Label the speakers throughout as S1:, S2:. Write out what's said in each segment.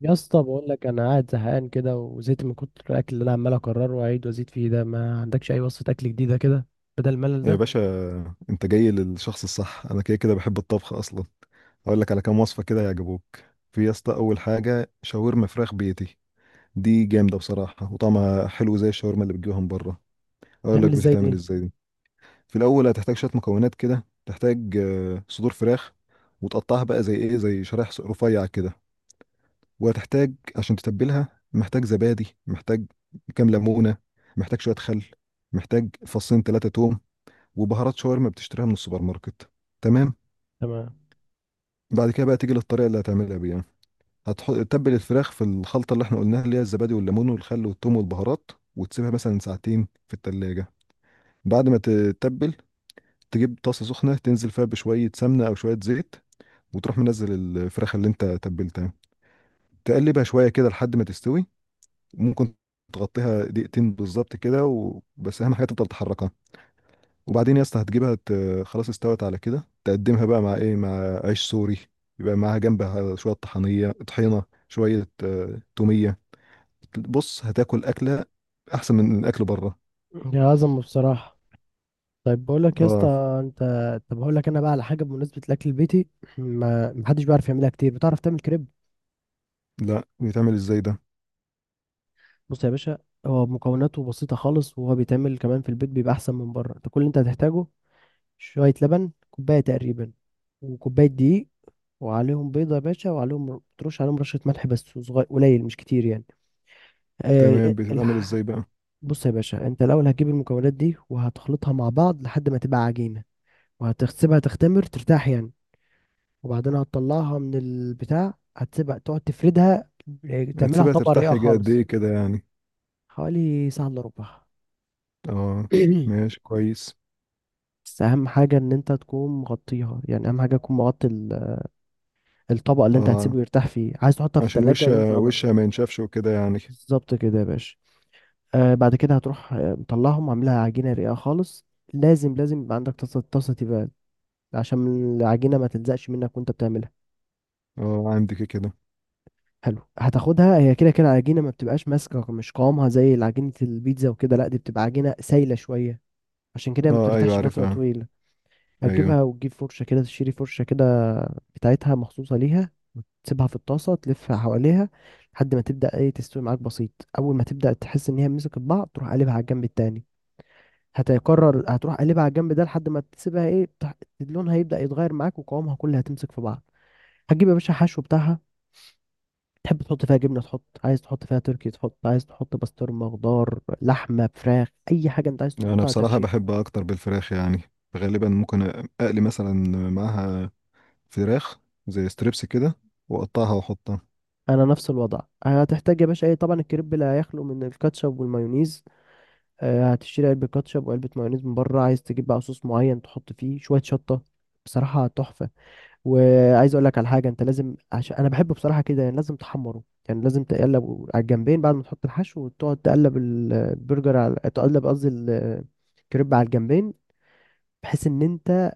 S1: يا اسطى بقول لك انا قاعد زهقان كده وزهقت من كتر الاكل اللي انا عمال اكرره واعيد وازيد فيه ده. ما عندكش اي وصفه اكل جديده كده بدل الملل
S2: يا
S1: ده؟
S2: باشا، انت جاي للشخص الصح. انا كده كده بحب الطبخ اصلا. هقول لك على كام وصفه كده يعجبوك. في يا اسطى، اول حاجه شاورما فراخ بيتي. دي جامده بصراحه وطعمها حلو زي الشاورما اللي بتجيبها من بره. اقول لك
S1: تعمل ازاي
S2: بتتعمل
S1: دي؟
S2: ازاي دي. في الاول هتحتاج شويه مكونات كده. تحتاج صدور فراخ وتقطعها بقى زي شرايح رفيع كده. وهتحتاج عشان تتبلها، محتاج زبادي، محتاج كام ليمونه، محتاج شويه خل، محتاج فصين 3 توم، وبهارات شاورما بتشتريها من السوبر ماركت. تمام.
S1: تمام.
S2: بعد كده بقى تيجي للطريقه اللي هتعملها بيها. هتحط تتبل الفراخ في الخلطه اللي احنا قلناها، اللي هي الزبادي والليمون والخل والثوم والبهارات، وتسيبها مثلا ساعتين في التلاجة. بعد ما تتبل، تجيب طاسه سخنه تنزل فيها بشويه سمنه او شويه زيت، وتروح منزل الفراخ اللي انت تبلتها. تقلبها شويه كده لحد ما تستوي. ممكن تغطيها دقيقتين بالظبط كده وبس. اهم حاجه تفضل تحركها. وبعدين يا اسطى هتجيبها. خلاص، استوت على كده. تقدمها بقى مع عيش سوري. يبقى معاها جنبها شوية طحنية شوية تومية. بص هتاكل أكلة أحسن من أكل بره.
S1: يا عظمه بصراحه. طيب بقول لك يا اسطى،
S2: اه.
S1: انت، طب هقول لك انا بقى على حاجه بمناسبه الاكل البيتي. ما محدش بيعرف يعملها كتير، بتعرف تعمل كريب؟
S2: لا، بيتعمل ازاي ده؟
S1: بص يا باشا، هو مكوناته بسيطه خالص، وهو بيتعمل كمان في البيت بيبقى احسن من بره. انت كل اللي انت هتحتاجه شويه لبن، كوبايه تقريبا، وكوبايه دقيق، وعليهم بيضة يا باشا، وعليهم ترش عليهم رشة ملح بس صغير قليل مش كتير يعني. آه
S2: تمام.
S1: إيه،
S2: بتتعمل
S1: الح...
S2: ازاي بقى؟
S1: بص يا باشا، انت الأول هتجيب المكونات دي وهتخلطها مع بعض لحد ما تبقى عجينة، وهتسيبها تختمر، ترتاح يعني. وبعدين هتطلعها من البتاع، هتسيبها تقعد تفردها، تعملها
S2: هتسيبها
S1: طبقة
S2: ترتاح
S1: رقيقة
S2: يجي قد
S1: خالص.
S2: ايه كده يعني؟
S1: حوالي ساعة إلا ربع.
S2: اه. ماشي، كويس.
S1: بس أهم حاجة إن أنت تكون مغطيها، يعني أهم حاجة تكون مغطي الطبق اللي أنت
S2: اه،
S1: هتسيبه يرتاح فيه. عايز تحطها في
S2: عشان
S1: التلاجة،
S2: وشها
S1: ينفع بقى؟
S2: وشها ما ينشفش وكده يعني.
S1: بالظبط كده يا باشا. آه بعد كده هتروح، مطلعهم عاملها عجينة رقيقة خالص. لازم يبقى عندك طاسة تيفال، عشان العجينة ما تلزقش منك وانت بتعملها.
S2: اه، عندك كده.
S1: حلو، هتاخدها هي كده كده العجينة ما بتبقاش ماسكة، مش قوامها زي عجينة البيتزا وكده، لا دي بتبقى عجينة سايلة شوية، عشان كده ما
S2: اه، ايوه،
S1: بترتاحش فترة
S2: عارفها.
S1: طويلة.
S2: ايوه.
S1: هتجيبها وتجيب فرشة كده، تشتري فرشة كده بتاعتها مخصوصة ليها، وتسيبها في الطاسة تلفها حواليها لحد ما تبدأ ايه، تستوي معاك، بسيط. أول ما تبدأ تحس إن هي مسكت بعض، تروح قلبها على الجنب التاني. هتقرر هتروح قلبها على الجنب ده لحد ما تسيبها ايه، لونها هيبدأ يتغير معاك وقوامها كلها هتمسك في بعض. هتجيب يا باشا حشو بتاعها، تحب تحط فيها جبنة تحط، عايز تحط فيها تركي تحط، عايز تحط بسطرمة، خضار، لحمة، فراخ، أي حاجة أنت عايز
S2: انا
S1: تحطها
S2: بصراحه
S1: هتحشيها.
S2: بحب اكتر بالفراخ يعني. غالبا ممكن اقلي مثلا معاها فراخ زي ستريبس كده، واقطعها واحطها.
S1: أنا نفس الوضع. هتحتاج يا باشا إيه، طبعا الكريب لا يخلو من الكاتشب والمايونيز، هتشتري علبة كاتشب وعلبة مايونيز من بره. عايز تجيب بقى صوص معين تحط فيه شوية شطة، بصراحة تحفة. وعايز اقول لك على حاجه، انت لازم، عشان انا بحبه بصراحه كده يعني، لازم تحمره. يعني لازم تقلب على الجنبين بعد ما تحط الحشو، وتقعد تقلب البرجر على، تقلب قصدي الكريب على الجنبين، بحيث ان انت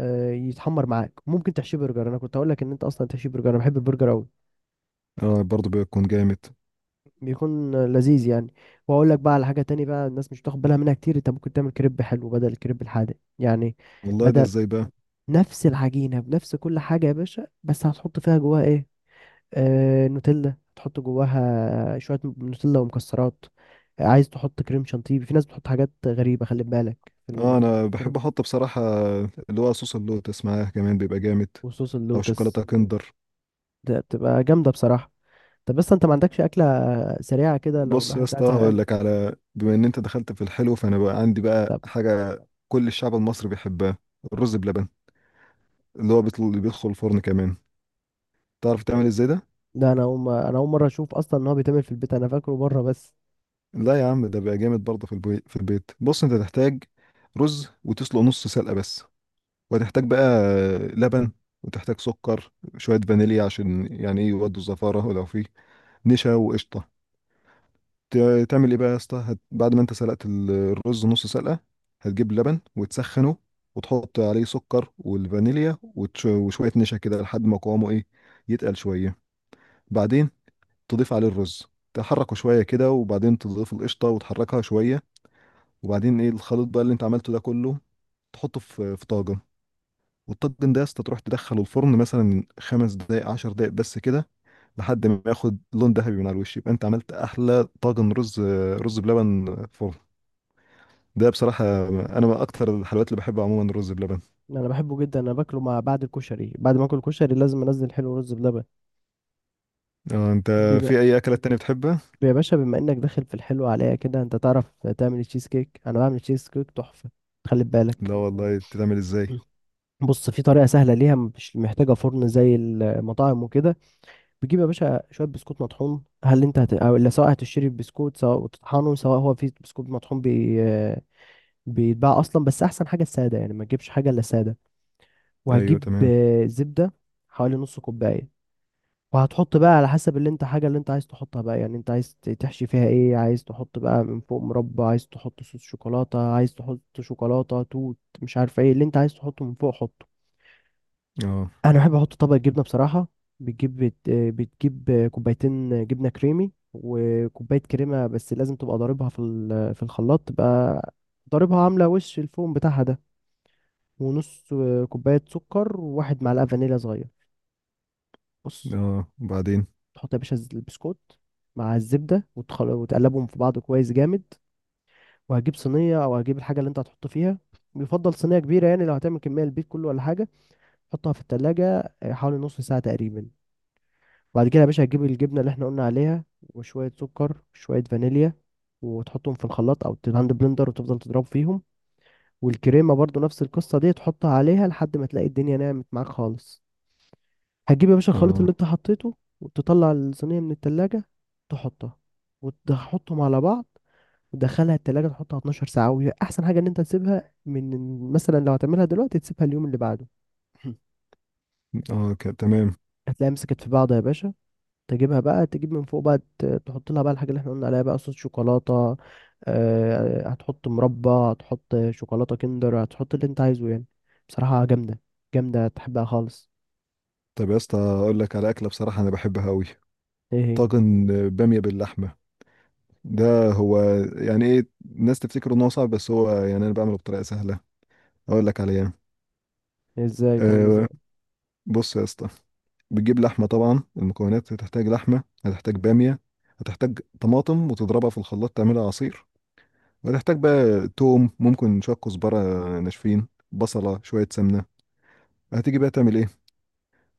S1: يتحمر معاك. ممكن تحشيه برجر، انا كنت هقول لك ان انت اصلا تحشيه برجر، انا بحب البرجر قوي،
S2: اه، برضو بيكون جامد.
S1: بيكون لذيذ يعني. واقول لك بقى على حاجه تاني بقى، الناس مش بتاخد بالها منها كتير. انت ممكن تعمل كريب حلو بدل الكريب الحادق يعني.
S2: والله، ده
S1: بدل،
S2: ازاي بقى؟
S1: نفس العجينه بنفس كل حاجه يا باشا، بس هتحط فيها جواها ايه، نوتيلا، تحط جواها شوية نوتيلا ومكسرات، عايز تحط كريم شانتيه. في ناس بتحط حاجات غريبة، خلي بالك،
S2: اه،
S1: في
S2: انا
S1: الكريم
S2: بحب احط بصراحه اللي هو صوص اللوتس معاها كمان بيبقى جامد،
S1: وصوص
S2: او شوكولاته
S1: اللوتس،
S2: كندر.
S1: ده بتبقى جامدة بصراحة. طب بس انت ما عندكش أكلة سريعة كده لو
S2: بص يا
S1: الواحد
S2: اسطى،
S1: قاعد
S2: هقول
S1: زهقان؟
S2: لك بما ان انت دخلت في الحلو، فانا بقى عندي بقى
S1: طب
S2: حاجه كل الشعب المصري بيحبها: الرز بلبن، اللي بيدخل الفرن كمان. تعرف تعمل ازاي ده؟
S1: ده انا اول ما- انا اول مرة اشوف اصلا ان هو بيتعمل في البيت، انا فاكره بره بس.
S2: لا يا عم، ده بقى جامد برضه. في البيت في البيت، بص انت تحتاج رز وتسلق نص سلقة بس، وتحتاج بقى لبن، وتحتاج سكر، شوية فانيليا عشان يعني ايه يودوا الزفارة، ولو فيه نشا وقشطة. تعمل ايه بقى يا اسطى؟ بعد ما انت سلقت الرز نص سلقة، هتجيب لبن وتسخنه، وتحط عليه سكر والفانيليا وشوية نشا كده لحد ما قوامه ايه، يتقل شوية. بعدين تضيف عليه الرز، تحركه شوية كده، وبعدين تضيف القشطة وتحركها شوية. وبعدين ايه، الخليط بقى اللي انت عملته ده كله تحطه في طاجن. والطاجن ده يا اسطى تروح تدخله الفرن مثلا 5 دقايق 10 دقايق بس كده، لحد ما ياخد لون ذهبي من على الوش. يبقى انت عملت احلى طاجن رز، رز بلبن فرن. ده بصراحة أنا من أكتر الحلويات اللي بحبها عموما الرز بلبن.
S1: انا بحبه جدا، انا باكله مع بعد الكشري، بعد ما اكل كشري لازم انزل حلو رز بلبن.
S2: اه. أنت
S1: بما
S2: في أي أكلات تانية بتحبها؟
S1: يا باشا، بما انك داخل في الحلو عليا كده، انت تعرف تعمل تشيز كيك؟ انا بعمل تشيز كيك تحفه، خلي بالك.
S2: لا والله، بتتعمل إزاي؟
S1: بص، في طريقه سهله ليها، مش محتاجه فرن زي المطاعم وكده. بتجيب يا باشا شويه بسكوت مطحون، هل انت هت... أو لا سواء هتشتري بسكوت سواء وتطحنه، سواء هو في بسكوت مطحون بيتباع اصلا، بس احسن حاجه الساده يعني، ما تجيبش حاجه الا ساده.
S2: أيوه،
S1: وهتجيب
S2: تمام.
S1: زبده، حوالي نص كوبايه. وهتحط بقى على حسب اللي انت، حاجة اللي انت عايز تحطها بقى، يعني انت عايز تحشي فيها ايه، عايز تحط بقى من فوق مربى، عايز تحط صوص شوكولاتة، عايز تحط شوكولاتة توت، مش عارف ايه اللي انت عايز تحطه من فوق حطه.
S2: اه.
S1: انا بحب احط طبق جبنة بصراحة. بتجيب كوبايتين جبنة كريمي وكوباية كريمة، بس لازم تبقى ضاربها في في الخلاط، تبقى ضاربها عاملة وش الفوم بتاعها ده. ونص كوباية سكر، وواحد معلقة فانيليا صغير. بص،
S2: اه، وبعدين.
S1: تحط يا باشا البسكوت مع الزبدة، وتقلبهم في بعض كويس جامد. وهجيب صينية أو هجيب الحاجة اللي أنت هتحط فيها، يفضل صينية كبيرة يعني لو هتعمل كمية البيت كله ولا حاجة. حطها في التلاجة حوالي نص ساعة تقريبا. بعد كده يا باشا هتجيب الجبنة اللي احنا قلنا عليها، وشوية سكر وشوية فانيليا، وتحطهم في الخلاط أو الهاند بلندر، وتفضل تضرب فيهم. والكريمة برضو نفس القصة دي، تحطها عليها لحد ما تلاقي الدنيا نعمت معاك خالص. هتجيب يا باشا الخليط
S2: اه.
S1: اللي انت حطيته، وتطلع الصينية من التلاجة، تحطها، وتحطهم على بعض، وتدخلها التلاجة، تحطها 12 ساعة. وهي أحسن حاجة إن أنت تسيبها من مثلا، لو هتعملها دلوقتي تسيبها اليوم اللي بعده.
S2: اه، تمام.
S1: هتلاقيها مسكت في بعض يا باشا، تجيبها بقى، تجيب من فوق بقى تحط لها بقى الحاجة اللي احنا قلنا عليها بقى، صوص شوكولاتة، هتحط مربى، هتحط شوكولاتة كندر، هتحط اللي انت عايزه يعني. بصراحة جامدة، جامدة تحبها خالص.
S2: طب يا اسطى، أقول لك على أكلة بصراحة أنا بحبها أوي:
S1: ايه هي؟
S2: طاجن بامية باللحمة. ده هو يعني ايه، الناس تفتكر ان هو صعب، بس هو يعني انا بعمله بطريقه سهله. اقول لك عليها.
S1: ازاي تعمل ازاي؟
S2: أه. بص يا اسطى، بتجيب لحمه. طبعا المكونات: هتحتاج لحمه، هتحتاج باميه، هتحتاج طماطم وتضربها في الخلاط تعملها عصير، وهتحتاج بقى توم، ممكن شويه كزبره ناشفين، بصله، شويه سمنه. هتيجي بقى تعمل ايه؟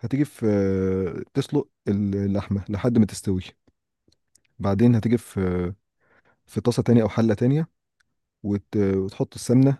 S2: هتيجي في آه، تسلق اللحمه لحد ما تستوي. بعدين هتيجي في طاسه تانية او حله تانية، وتحط السمنه.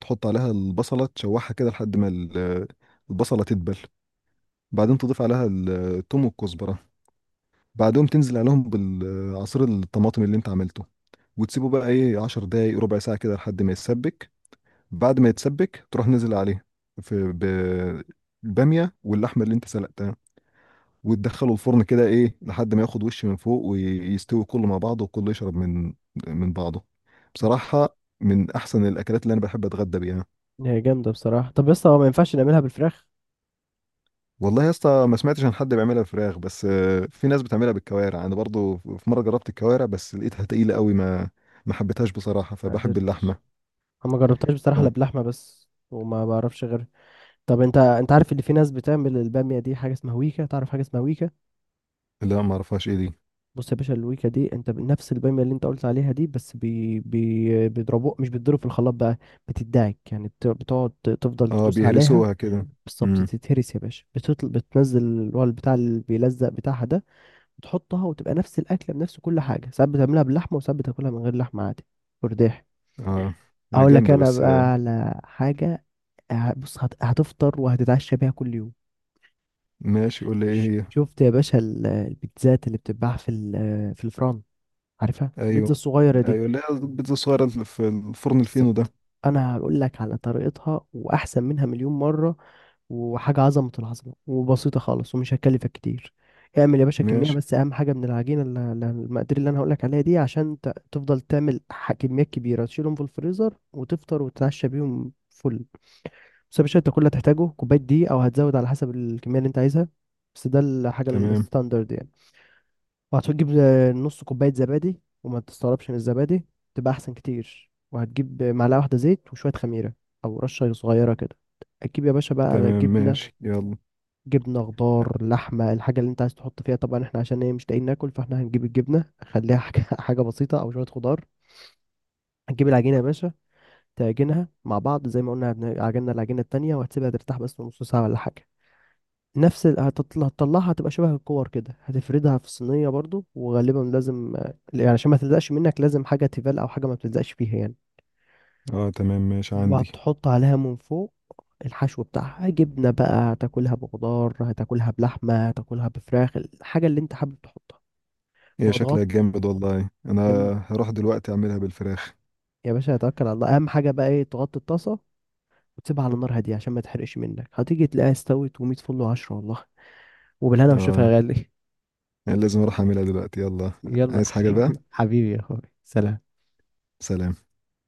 S2: تحط عليها البصلة تشوحها كده لحد ما البصلة تدبل. بعدين تضيف عليها الثوم والكزبرة، بعدهم تنزل عليهم بالعصير الطماطم اللي انت عملته، وتسيبه بقى ايه 10 دقايق ربع ساعة كده لحد ما يتسبك. بعد ما يتسبك، تروح نزل عليه في بالبامية واللحمة اللي انت سلقتها، وتدخله الفرن كده ايه لحد ما ياخد وش من فوق ويستوي كله مع بعضه، وكله يشرب من بعضه. بصراحة من احسن الاكلات اللي انا بحب اتغدى بيها.
S1: هي جامدة بصراحة، طب بس هو ما ينفعش نعملها بالفراخ؟
S2: والله يا اسطى، ما سمعتش عن حد بيعملها بفراخ، بس في ناس بتعملها بالكوارع. انا برضو في مره جربت الكوارع بس لقيتها تقيله قوي، ما حبيتهاش بصراحه،
S1: ما
S2: فبحب
S1: قدرتش.
S2: اللحمه.
S1: انا ما جربتهاش بصراحة الا
S2: اه.
S1: بلحمة بس، وما بعرفش غير. طب انت، انت عارف اللي في ناس بتعمل البامية دي حاجة اسمها ويكا؟ تعرف حاجة اسمها ويكا؟
S2: لا، ما اعرفهاش. ايه دي؟
S1: بص يا باشا، الويكا دي انت، نفس البامية اللي انت قلت عليها دي، بس بي بيضربوه، مش بيتضرب في الخلاط بقى، بتدعك يعني، بتقعد تفضل
S2: اه،
S1: تدوس عليها.
S2: بيهرسوها كده.
S1: بالظبط،
S2: امم.
S1: تتهرس يا باشا، بتنزل اللي هو البتاع اللي بيلزق بتاعها ده. وتحطها وتبقى نفس الاكله بنفس كل حاجه، ساعات بتعملها باللحمه وساعات بتاكلها من غير لحمه عادي. فرداح.
S2: اه، هي
S1: اقول لك
S2: جامده
S1: انا
S2: بس.
S1: بقى على حاجه، بص هتفطر وهتتعشى بيها كل يوم.
S2: ماشي، قول لي ايه هي.
S1: شفت يا باشا البيتزات اللي بتتباع في في الفرن؟ عارفها البيتزا
S2: ايوه.
S1: الصغيره دي؟
S2: ايوه، لا، البيتزا الصغيره اللي في الفرن الفينو ده.
S1: بالظبط. انا هقول لك على طريقتها واحسن منها مليون مره، وحاجه عظمه العظمه وبسيطه خالص ومش هتكلفك كتير. اعمل يا باشا كميه،
S2: ماشي.
S1: بس اهم حاجه من العجينه المقادير اللي انا هقول لك عليها دي، عشان تفضل تعمل كميات كبيره تشيلهم في الفريزر وتفطر وتتعشى بيهم فل. بس يا باشا انت كل اللي هتحتاجه كوباية دي، او هتزود على حسب الكمية اللي انت عايزها، بس ده الحاجة
S2: تمام.
S1: الستاندرد يعني. وهتجيب نص كوباية زبادي، وما تستغربش من الزبادي، تبقى احسن كتير. وهتجيب معلقة واحدة زيت، وشوية خميرة او رشة صغيرة كده. هتجيب يا باشا بقى
S2: تمام،
S1: جبنة،
S2: ماشي، يلا.
S1: جبنة، خضار، لحمة، الحاجة اللي انت عايز تحط فيها. طبعا احنا عشان ايه مش لاقيين ناكل، فاحنا هنجيب الجبنة، خليها حاجة حاجة بسيطة او شوية خضار. هتجيب العجينة يا باشا، تعجنها مع بعض زي ما قلنا عجنا العجينة التانية، وهتسيبها ترتاح بس نص ساعة ولا حاجة. نفس هتطلعها، هتبقى شبه الكور كده، هتفردها في صينية برضو. وغالبا لازم يعني عشان ما تلزقش منك، لازم حاجة تيفال أو حاجة ما بتلزقش فيها يعني.
S2: اه، تمام، ماشي، عندي.
S1: وهتحط عليها من فوق الحشو بتاعها، جبنة بقى، هتاكلها بخضار، هتاكلها بلحمة، هتاكلها بفراخ، الحاجة اللي انت حابب تحطها.
S2: هي شكلها
S1: وهتغطي،
S2: جامد والله، انا
S1: جم-
S2: هروح دلوقتي اعملها بالفراخ.
S1: يا باشا هتوكل على الله. أهم حاجة بقى ايه، تغطي الطاسة وتسيبها على نار هادية عشان ما تحرقش منك. هتيجي تلاقيها استوت، ومية فل وعشرة والله. وبالهنا والشفا
S2: اه،
S1: يا غالي.
S2: لازم اروح اعملها دلوقتي، يلا.
S1: يلا يا
S2: عايز حاجة بقى؟
S1: حبيبي، حبيبي يا اخوي، سلام.
S2: سلام.